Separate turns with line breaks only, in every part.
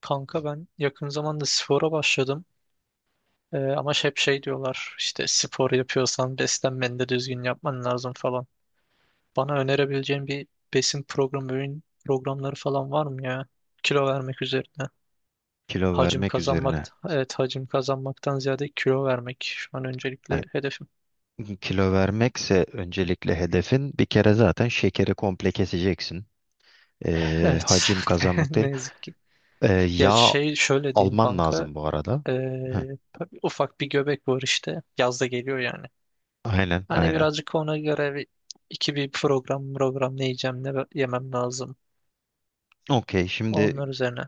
Kanka ben yakın zamanda spora başladım. Ama hep şey diyorlar işte, spor yapıyorsan beslenmeni de düzgün yapman lazım falan. Bana önerebileceğin bir besin programı, öğün programları falan var mı ya? Kilo vermek üzerine.
Kilo
Hacim
vermek
kazanmak,
üzerine.
evet, hacim kazanmaktan ziyade kilo vermek şu an öncelikle
Yani,
hedefim.
kilo vermekse öncelikle hedefin, bir kere zaten şekeri komple keseceksin.
Evet,
Hacim kazanmak değil.
ne yazık ki. Ya
Yağ
şey şöyle diyeyim
alman
kanka.
lazım bu arada.
ee,
Heh,
Ufak bir göbek var işte. Yaz da geliyor yani.
aynen
Hani
aynen.
birazcık ona göre bir, iki bir program ne yiyeceğim ne yemem lazım.
Okey, şimdi
Onlar üzerine.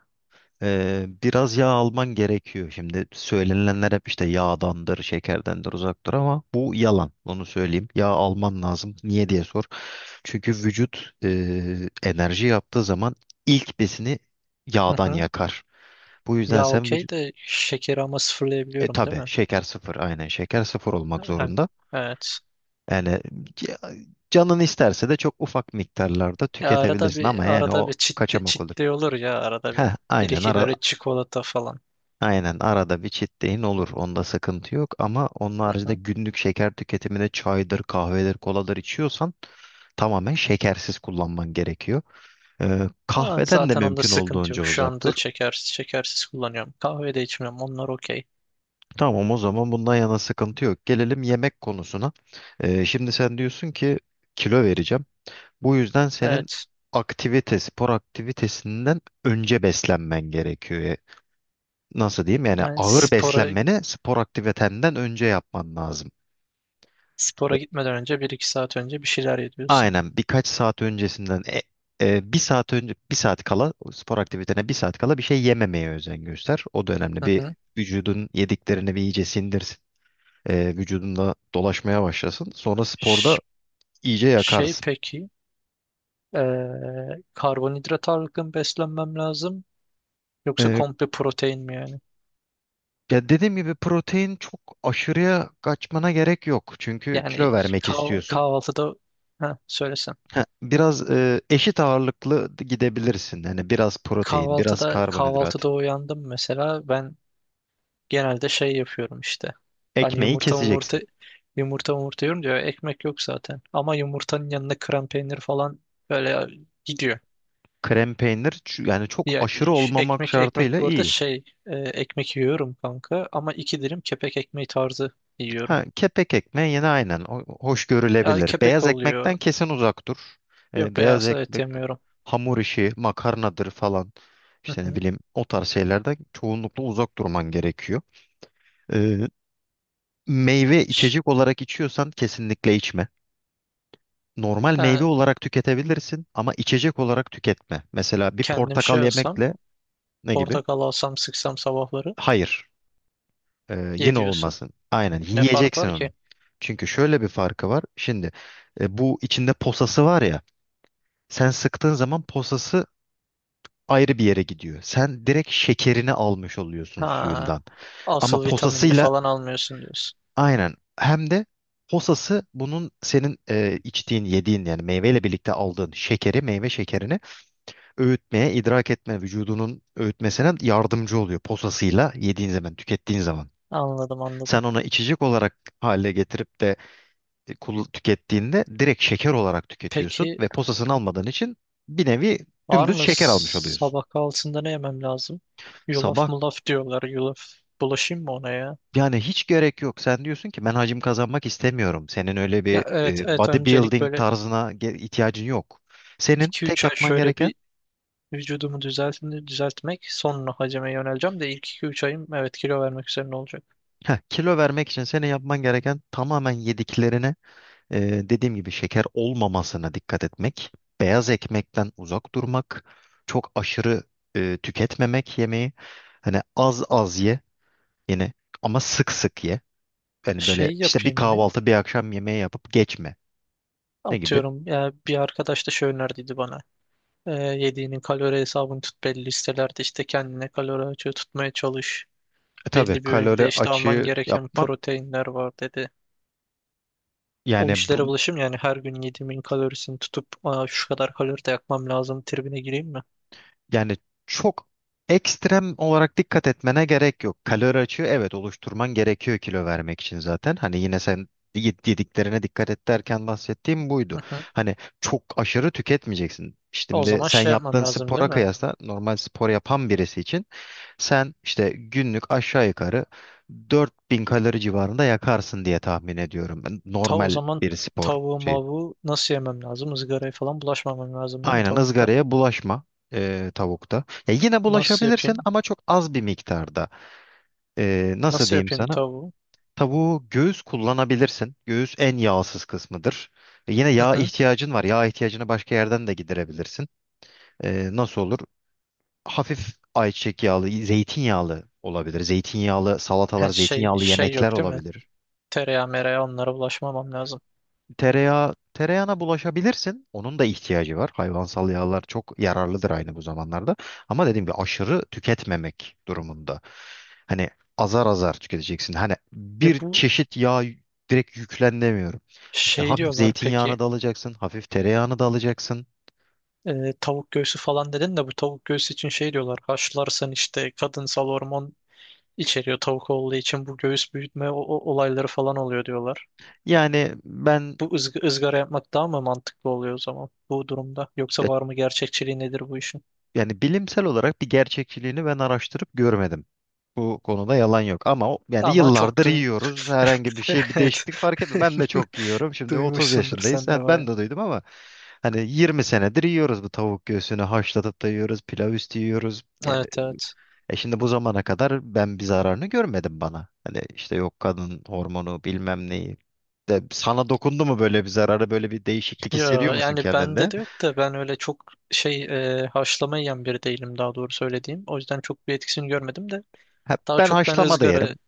biraz yağ alman gerekiyor. Şimdi söylenenler hep işte yağdandır, şekerdendir, uzaktır ama bu yalan. Onu söyleyeyim. Yağ alman lazım. Niye diye sor. Çünkü vücut enerji yaptığı zaman ilk besini
Hı
yağdan
hı.
yakar. Bu yüzden
Ya
sen
okey
vücut...
de şekeri ama
E
sıfırlayabiliyorum değil
tabii
mi?
şeker sıfır, aynen, şeker sıfır olmak
Hem,
zorunda.
evet.
Yani c- canın isterse de çok ufak miktarlarda
Ya arada
tüketebilirsin, ama
bir
yani o
çit
kaçamak olur.
çitli olur ya arada bir.
Heh,
Bir
aynen,
iki
ara
böyle çikolata falan.
aynen arada bir cheat day'in olur. Onda sıkıntı yok ama onun
Hı
haricinde
hı.
günlük şeker tüketimine, çaydır, kahvedir, koladır içiyorsan, tamamen şekersiz kullanman gerekiyor.
Ya
Kahveden de
zaten onda
mümkün
sıkıntı
olduğunca
yok. Şu
uzak dur.
anda şekersiz kullanıyorum. Kahve de içmiyorum. Onlar okey.
Tamam, o zaman bundan yana sıkıntı yok. Gelelim yemek konusuna. Şimdi sen diyorsun ki kilo vereceğim. Bu yüzden senin
Evet.
aktivite, spor aktivitesinden önce beslenmen gerekiyor. Nasıl diyeyim? Yani
Yani
ağır
spora
beslenmeni spor aktivitenden önce yapman lazım. E,
gitmeden önce bir iki saat önce bir şeyler yediyorsun.
Aynen, birkaç saat öncesinden bir saat önce, bir saat kala bir şey yememeye özen göster. O da önemli.
Hı
Bir,
hı.
vücudun yediklerini bir iyice sindirsin. Vücudunda dolaşmaya başlasın. Sonra
Ş-
sporda iyice
Şey
yakarsın.
peki. Karbonhidrat ağırlıklı mı beslenmem lazım? Yoksa
E,
komple protein mi yani?
Ya dediğim gibi, protein çok aşırıya kaçmana gerek yok. Çünkü kilo
Yani
vermek istiyorsun.
kahvaltıda, ha, söylesen.
Ha, biraz eşit ağırlıklı gidebilirsin. Yani biraz protein, biraz
Kahvaltıda
karbonhidrat.
uyandım mesela ben genelde şey yapıyorum işte. Hani
Ekmeği
yumurta yumurta
keseceksin.
yiyorum diyor. Ekmek yok zaten. Ama yumurtanın yanına krem peynir falan böyle gidiyor.
Krem peynir, yani çok
Ya
aşırı olmamak
ekmek
şartıyla
bu arada
iyi.
şey ekmek yiyorum kanka, ama iki dilim kepek ekmeği tarzı yiyorum.
Ha, kepek ekmeği yine aynen hoş
Ya
görülebilir.
kepek
Beyaz ekmekten
oluyor.
kesin uzak dur.
Yok,
Beyaz
beyaz et
ekmek,
yemiyorum.
hamur işi, makarnadır falan.
Hı
İşte ne
hı.
bileyim, o tarz şeylerden çoğunlukla uzak durman gerekiyor. Ee, Meyve
Ş-
içecek olarak içiyorsan kesinlikle içme. Normal meyve
Ha,
olarak tüketebilirsin, ama içecek olarak tüketme. Mesela bir
kendim
portakal
şey olsam,
yemekle ne gibi?
portakal alsam sıksam sabahları,
Hayır.
ye
Yine
diyorsun.
olmasın. Aynen
Ne fark
yiyeceksin
var ki?
onu. Çünkü şöyle bir farkı var. Şimdi bu içinde posası var ya. Sen sıktığın zaman posası ayrı bir yere gidiyor. Sen direkt şekerini almış oluyorsun
Ha,
suyundan. Ama
asıl vitaminini
posasıyla,
falan almıyorsun diyorsun.
aynen, hem de posası bunun, senin içtiğin, yediğin, yani meyveyle birlikte aldığın şekeri, meyve şekerini öğütmeye, idrak etme, vücudunun öğütmesine yardımcı oluyor posasıyla yediğin zaman, tükettiğin zaman.
Anladım, anladım.
Sen ona içecek olarak hale getirip de tükettiğinde direkt şeker olarak tüketiyorsun
Peki
ve posasını almadığın için bir nevi
var
dümdüz
mı
şeker almış oluyorsun.
sabah kahvaltısında ne yemem lazım? Yulaf
Sabah
mulaf diyorlar. Yulaf bulaşayım mı ona ya?
yani hiç gerek yok. Sen diyorsun ki ben hacim kazanmak istemiyorum. Senin öyle bir
Ya evet, evet, öncelik
bodybuilding
böyle
tarzına ihtiyacın yok. Senin
iki
tek
üç ay
yapman
şöyle
gereken
bir vücudumu düzeltmek, sonra hacime yöneleceğim de ilk 2-3 ayım evet kilo vermek üzerine olacak.
heh, Kilo vermek için senin yapman gereken, tamamen yediklerine e, dediğim gibi şeker olmamasına dikkat etmek. Beyaz ekmekten uzak durmak. Çok aşırı tüketmemek yemeği. Hani az az ye. Yine ama sık sık ye. Yani böyle
Şey
işte bir
yapayım mı?
kahvaltı, bir akşam yemeği yapıp geçme. Ne gibi?
Atıyorum ya, bir arkadaş da şey önerdiydi bana. Yediğinin kalori hesabını tut belli listelerde, işte kendine kalori açığı tutmaya çalış.
E tabii,
Belli bir öğünde
kalori
işte alman
açığı
gereken
yapman,
proteinler var dedi. O
yani bu,
işlere bulaşım yani, her gün yediğimin kalorisini tutup, aa, şu kadar kalori de yakmam lazım tribine gireyim mi?
yani çok ekstrem olarak dikkat etmene gerek yok. Kalori açığı, evet, oluşturman gerekiyor kilo vermek için zaten. Hani yine sen yediklerine dikkat et derken bahsettiğim buydu.
Hı hı.
Hani çok aşırı tüketmeyeceksin. İşte,
O
şimdi
zaman
sen
şey yapmam
yaptığın
lazım
spora,
değil
anladım,
mi?
kıyasla normal spor yapan birisi için, sen işte günlük aşağı yukarı 4.000 kalori civarında yakarsın diye tahmin ediyorum. Ben
Ta o
normal
zaman
bir spor
tavuğu
şey.
mavuğu nasıl yemem lazım? Izgaraya falan bulaşmamam lazım değil mi
Aynen,
tavukta?
ızgaraya bulaşma tavukta. Ya yine
Nasıl
bulaşabilirsin
yapayım?
ama çok az bir miktarda. Nasıl
Nasıl
diyeyim
yapayım
sana?
tavuğu?
Tavuğu göğüs kullanabilirsin. Göğüs en yağsız kısmıdır. Yine
Hı
yağ
hı.
ihtiyacın var. Yağ ihtiyacını başka yerden de giderebilirsin. Nasıl olur? Hafif ayçiçek yağlı, zeytinyağlı olabilir. Zeytinyağlı salatalar,
Ha, şey
zeytinyağlı yemekler
yok değil mi?
olabilir.
Tereyağı mereyağı, onlara bulaşmamam lazım.
Tereyağı, tereyağına bulaşabilirsin. Onun da ihtiyacı var. Hayvansal yağlar çok yararlıdır aynı bu zamanlarda. Ama dediğim gibi aşırı tüketmemek durumunda. Hani azar azar tüketeceksin. Hani
Ya
bir
bu
çeşit yağ direkt yüklenemiyorum. İşte
şey
hafif
diyorlar
zeytinyağını
peki.
da alacaksın, hafif tereyağını da alacaksın.
Tavuk göğsü falan dedin de, bu tavuk göğsü için şey diyorlar. Haşlarsan işte kadınsal hormon içeriyor tavuk olduğu için, bu göğüs büyütme olayları falan oluyor diyorlar.
Yani ben
Bu ızgara yapmak daha mı mantıklı oluyor o zaman bu durumda? Yoksa var mı gerçekçiliği, nedir bu işin?
Yani bilimsel olarak bir gerçekçiliğini ben araştırıp görmedim. Bu konuda yalan yok ama yani
Ama
yıllardır yiyoruz. Herhangi bir şey, bir
Evet.
değişiklik fark etmiyor. Ben de çok yiyorum. Şimdi 30
Duymuşsundur
yaşındayız.
sen de
Ha, ben
bayağı.
de duydum ama hani 20 senedir yiyoruz bu tavuk göğsünü, haşlatıp da yiyoruz, pilav üstü yiyoruz. Yani
Evet, evet.
e şimdi bu zamana kadar ben bir zararını görmedim bana. Hani işte yok kadın hormonu bilmem neyi. De, sana dokundu mu böyle bir zararı, böyle bir değişiklik
Ya
hissediyor musun
yani bende
kendinde?
de yok da, ben öyle çok şey haşlama yiyen biri değilim, daha doğru söylediğim. O yüzden çok bir etkisini görmedim de.
Ha,
Daha
ben
çok ben
haşlama da
ızgara,
yerim.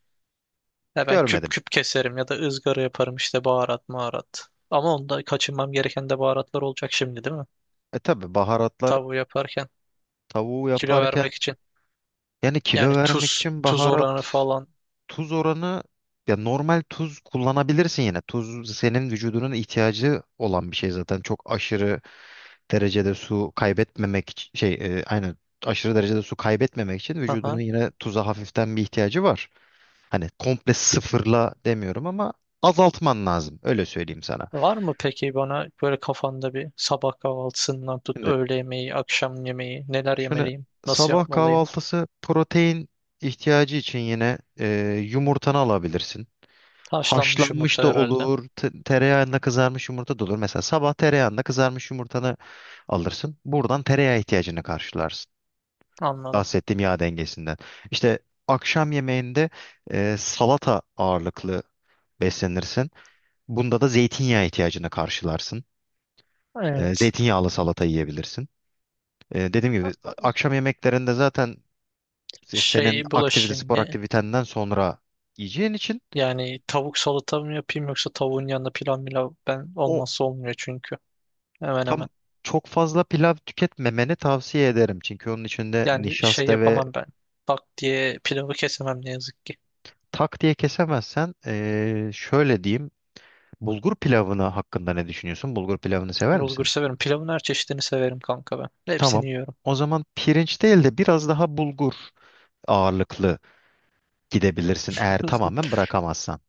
ya ben küp
Görmedim.
küp keserim ya da ızgara yaparım işte, baharat maharat. Ama onda kaçınmam gereken de baharatlar olacak şimdi değil mi?
E tabii, baharatlar,
Tavuğu yaparken,
tavuğu
kilo
yaparken,
vermek için.
yani
Yani
kilo vermek
tuz
için baharat,
oranı falan.
tuz oranı, ya normal tuz kullanabilirsin yine. Tuz senin vücudunun ihtiyacı olan bir şey zaten. Çok aşırı derecede su kaybetmemek aynen, aşırı derecede su kaybetmemek için vücudunun
Aha.
yine tuza hafiften bir ihtiyacı var. Hani komple sıfırla demiyorum ama azaltman lazım. Öyle söyleyeyim sana.
Var mı peki bana böyle kafanda bir, sabah kahvaltısından tut
Şimdi
öğle yemeği, akşam yemeği, neler
şöyle,
yemeliyim, nasıl
sabah
yapmalıyım?
kahvaltısı protein ihtiyacı için yine yumurtanı alabilirsin.
Haşlanmış yumurta
Haşlanmış da
herhalde.
olur, tereyağında kızarmış yumurta da olur. Mesela sabah tereyağında kızarmış yumurtanı alırsın. Buradan tereyağı ihtiyacını karşılarsın.
Anladım.
Bahsettiğim yağ dengesinden. İşte akşam yemeğinde salata ağırlıklı beslenirsin. Bunda da zeytinyağı ihtiyacını karşılarsın.
Evet.
Zeytinyağlı salata yiyebilirsin. Dediğim gibi akşam yemeklerinde zaten senin
Şey
aktivite,
bulaşayım
spor
mı?
aktivitenden sonra yiyeceğin için
Yani tavuk salata mı yapayım, yoksa tavuğun yanında pilav milav, ben
o,
olmazsa olmuyor çünkü. Hemen
tam,
hemen.
çok fazla pilav tüketmemeni tavsiye ederim. Çünkü onun içinde
Yani şey
nişasta ve
yapamam ben. Tak diye pilavı kesemem ne yazık ki.
tak diye kesemezsen, şöyle diyeyim. Bulgur pilavına hakkında ne düşünüyorsun? Bulgur pilavını sever
Bulgur
misin?
severim. Pilavın her çeşidini severim kanka ben.
Tamam.
Hepsini yiyorum.
O zaman pirinç değil de biraz daha bulgur ağırlıklı gidebilirsin, eğer tamamen bırakamazsan.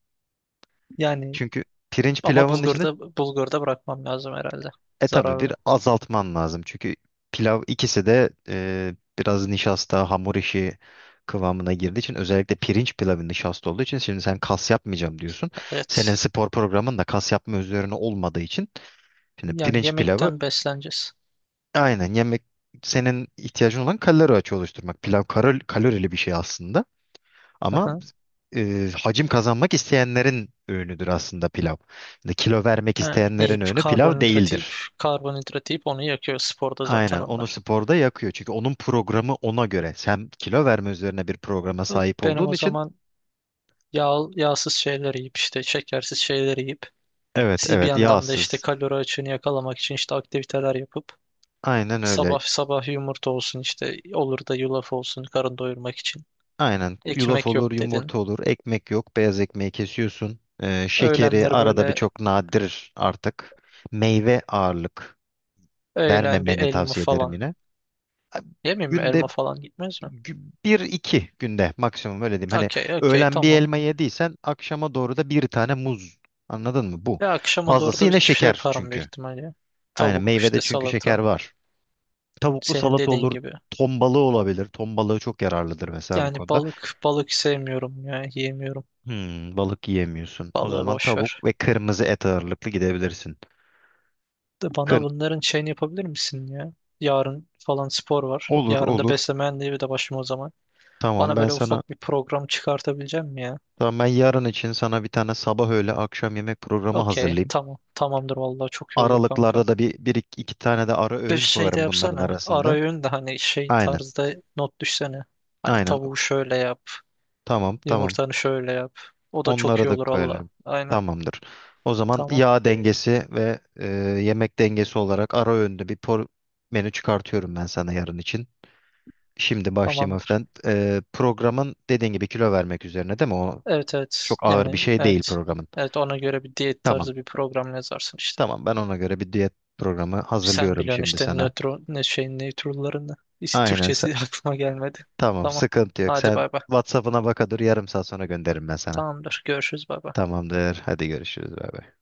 Yani
Çünkü pirinç
ama
pilavının içinde,
bulgurda bırakmam lazım herhalde.
e tabii
Zararlı.
bir azaltman lazım. Çünkü pilav, ikisi de biraz nişasta, hamur işi kıvamına girdiği için, özellikle pirinç pilavı nişasta olduğu için, şimdi sen kas yapmayacağım diyorsun. Senin
Evet.
spor programın da kas yapma üzerine olmadığı için, şimdi
Yani
pirinç pilavı,
yemekten besleneceğiz.
aynen, yemek senin ihtiyacın olan kalori açığı oluşturmak. Pilav kalor- kalorili bir şey aslında. Ama
Aha.
hacim kazanmak isteyenlerin öğünüdür aslında pilav. Şimdi kilo vermek
Ha,
isteyenlerin
yiyip
öğünü pilav
karbonhidrat yiyip
değildir.
onu yakıyor sporda zaten
Aynen, onu
onlar.
sporda yakıyor. Çünkü onun programı ona göre. Sen kilo verme üzerine bir programa sahip
Benim
olduğun
o
için
zaman yağsız şeyler yiyip, işte şekersiz şeyler yiyip,
evet,
siz bir
evet,
yandan da işte
yağsız.
kalori açığını yakalamak için işte aktiviteler yapıp,
Aynen öyle.
sabah yumurta olsun, işte olur da yulaf olsun karın doyurmak için.
Aynen, yulaf
Ekmek
olur,
yok dedin.
yumurta olur, ekmek yok, beyaz ekmeği kesiyorsun. Şekeri
Öğlenleri
arada bir,
böyle
çok nadir artık. Meyve ağırlık
bir
vermemeni
elma
tavsiye ederim
falan.
yine.
Yemeyeyim mi,
Günde
elma falan gitmez mi?
Bir iki günde maksimum, öyle diyeyim. Hani
Okey, okey,
öğlen bir
tamam.
elma yediysen, akşama doğru da bir tane muz. Anladın mı? Bu.
Ve akşama doğru
Fazlası
da bir
yine
şey
şeker
yaparım büyük
çünkü.
ihtimalle.
Aynen,
Tavuk
meyvede
işte,
çünkü şeker
salata.
var. Tavuklu
Senin
salata
dediğin
olur.
gibi.
Ton balığı olabilir. Ton balığı çok yararlıdır mesela bu
Yani
konuda.
balık, sevmiyorum ya, yiyemiyorum.
Hmm, balık yiyemiyorsun. O
Balığı
zaman
boş
tavuk
ver.
ve kırmızı et ağırlıklı gidebilirsin.
De bana
Kır,
bunların şeyini yapabilir misin ya? Yarın falan spor var.
olur
Yarın da
olur.
beslenme mühendiği de başım o zaman.
Tamam
Bana
ben
böyle
sana
ufak bir program çıkartabilecek mi ya?
tamam, ben yarın için sana bir tane sabah öğle akşam yemek programı
Okey,
hazırlayayım.
tamam. Tamamdır vallahi, çok iyi olur kanka.
Aralıklarda da iki tane de ara
Bir
öğün
şey de
koyarım bunların
yapsana. Ara
arasında.
öğün de hani şey
Aynen.
tarzda not düşsene. Hani
Aynen.
tavuğu şöyle yap,
Tamam, tamam.
yumurtanı şöyle yap. O da çok
Onlara
iyi
da
olur valla.
koyalım.
Aynen.
Tamamdır. O zaman
Tamam.
yağ dengesi ve yemek dengesi olarak ara öğünde bir menü çıkartıyorum ben sana yarın için. Şimdi başlayayım
Tamamdır.
hafiften. Programın dediğin gibi kilo vermek üzerine, değil mi? O
Evet, evet.
çok ağır bir
Yani
şey değil,
evet.
programın.
Evet, ona göre bir diyet
Tamam.
tarzı bir program yazarsın işte.
Tamam, ben ona göre bir diyet programı
Sen
hazırlıyorum
biliyorsun
şimdi
işte
sana.
nötron ne şey nötrullarını.
Aynen.
Türkçesi aklıma gelmedi.
Tamam,
Tamam.
sıkıntı yok.
Hadi
Sen
bay bay.
WhatsApp'ına baka dur, yarım saat sonra gönderirim ben sana.
Tamamdır. Görüşürüz, bay bay.
Tamamdır. Hadi görüşürüz. Bay bay.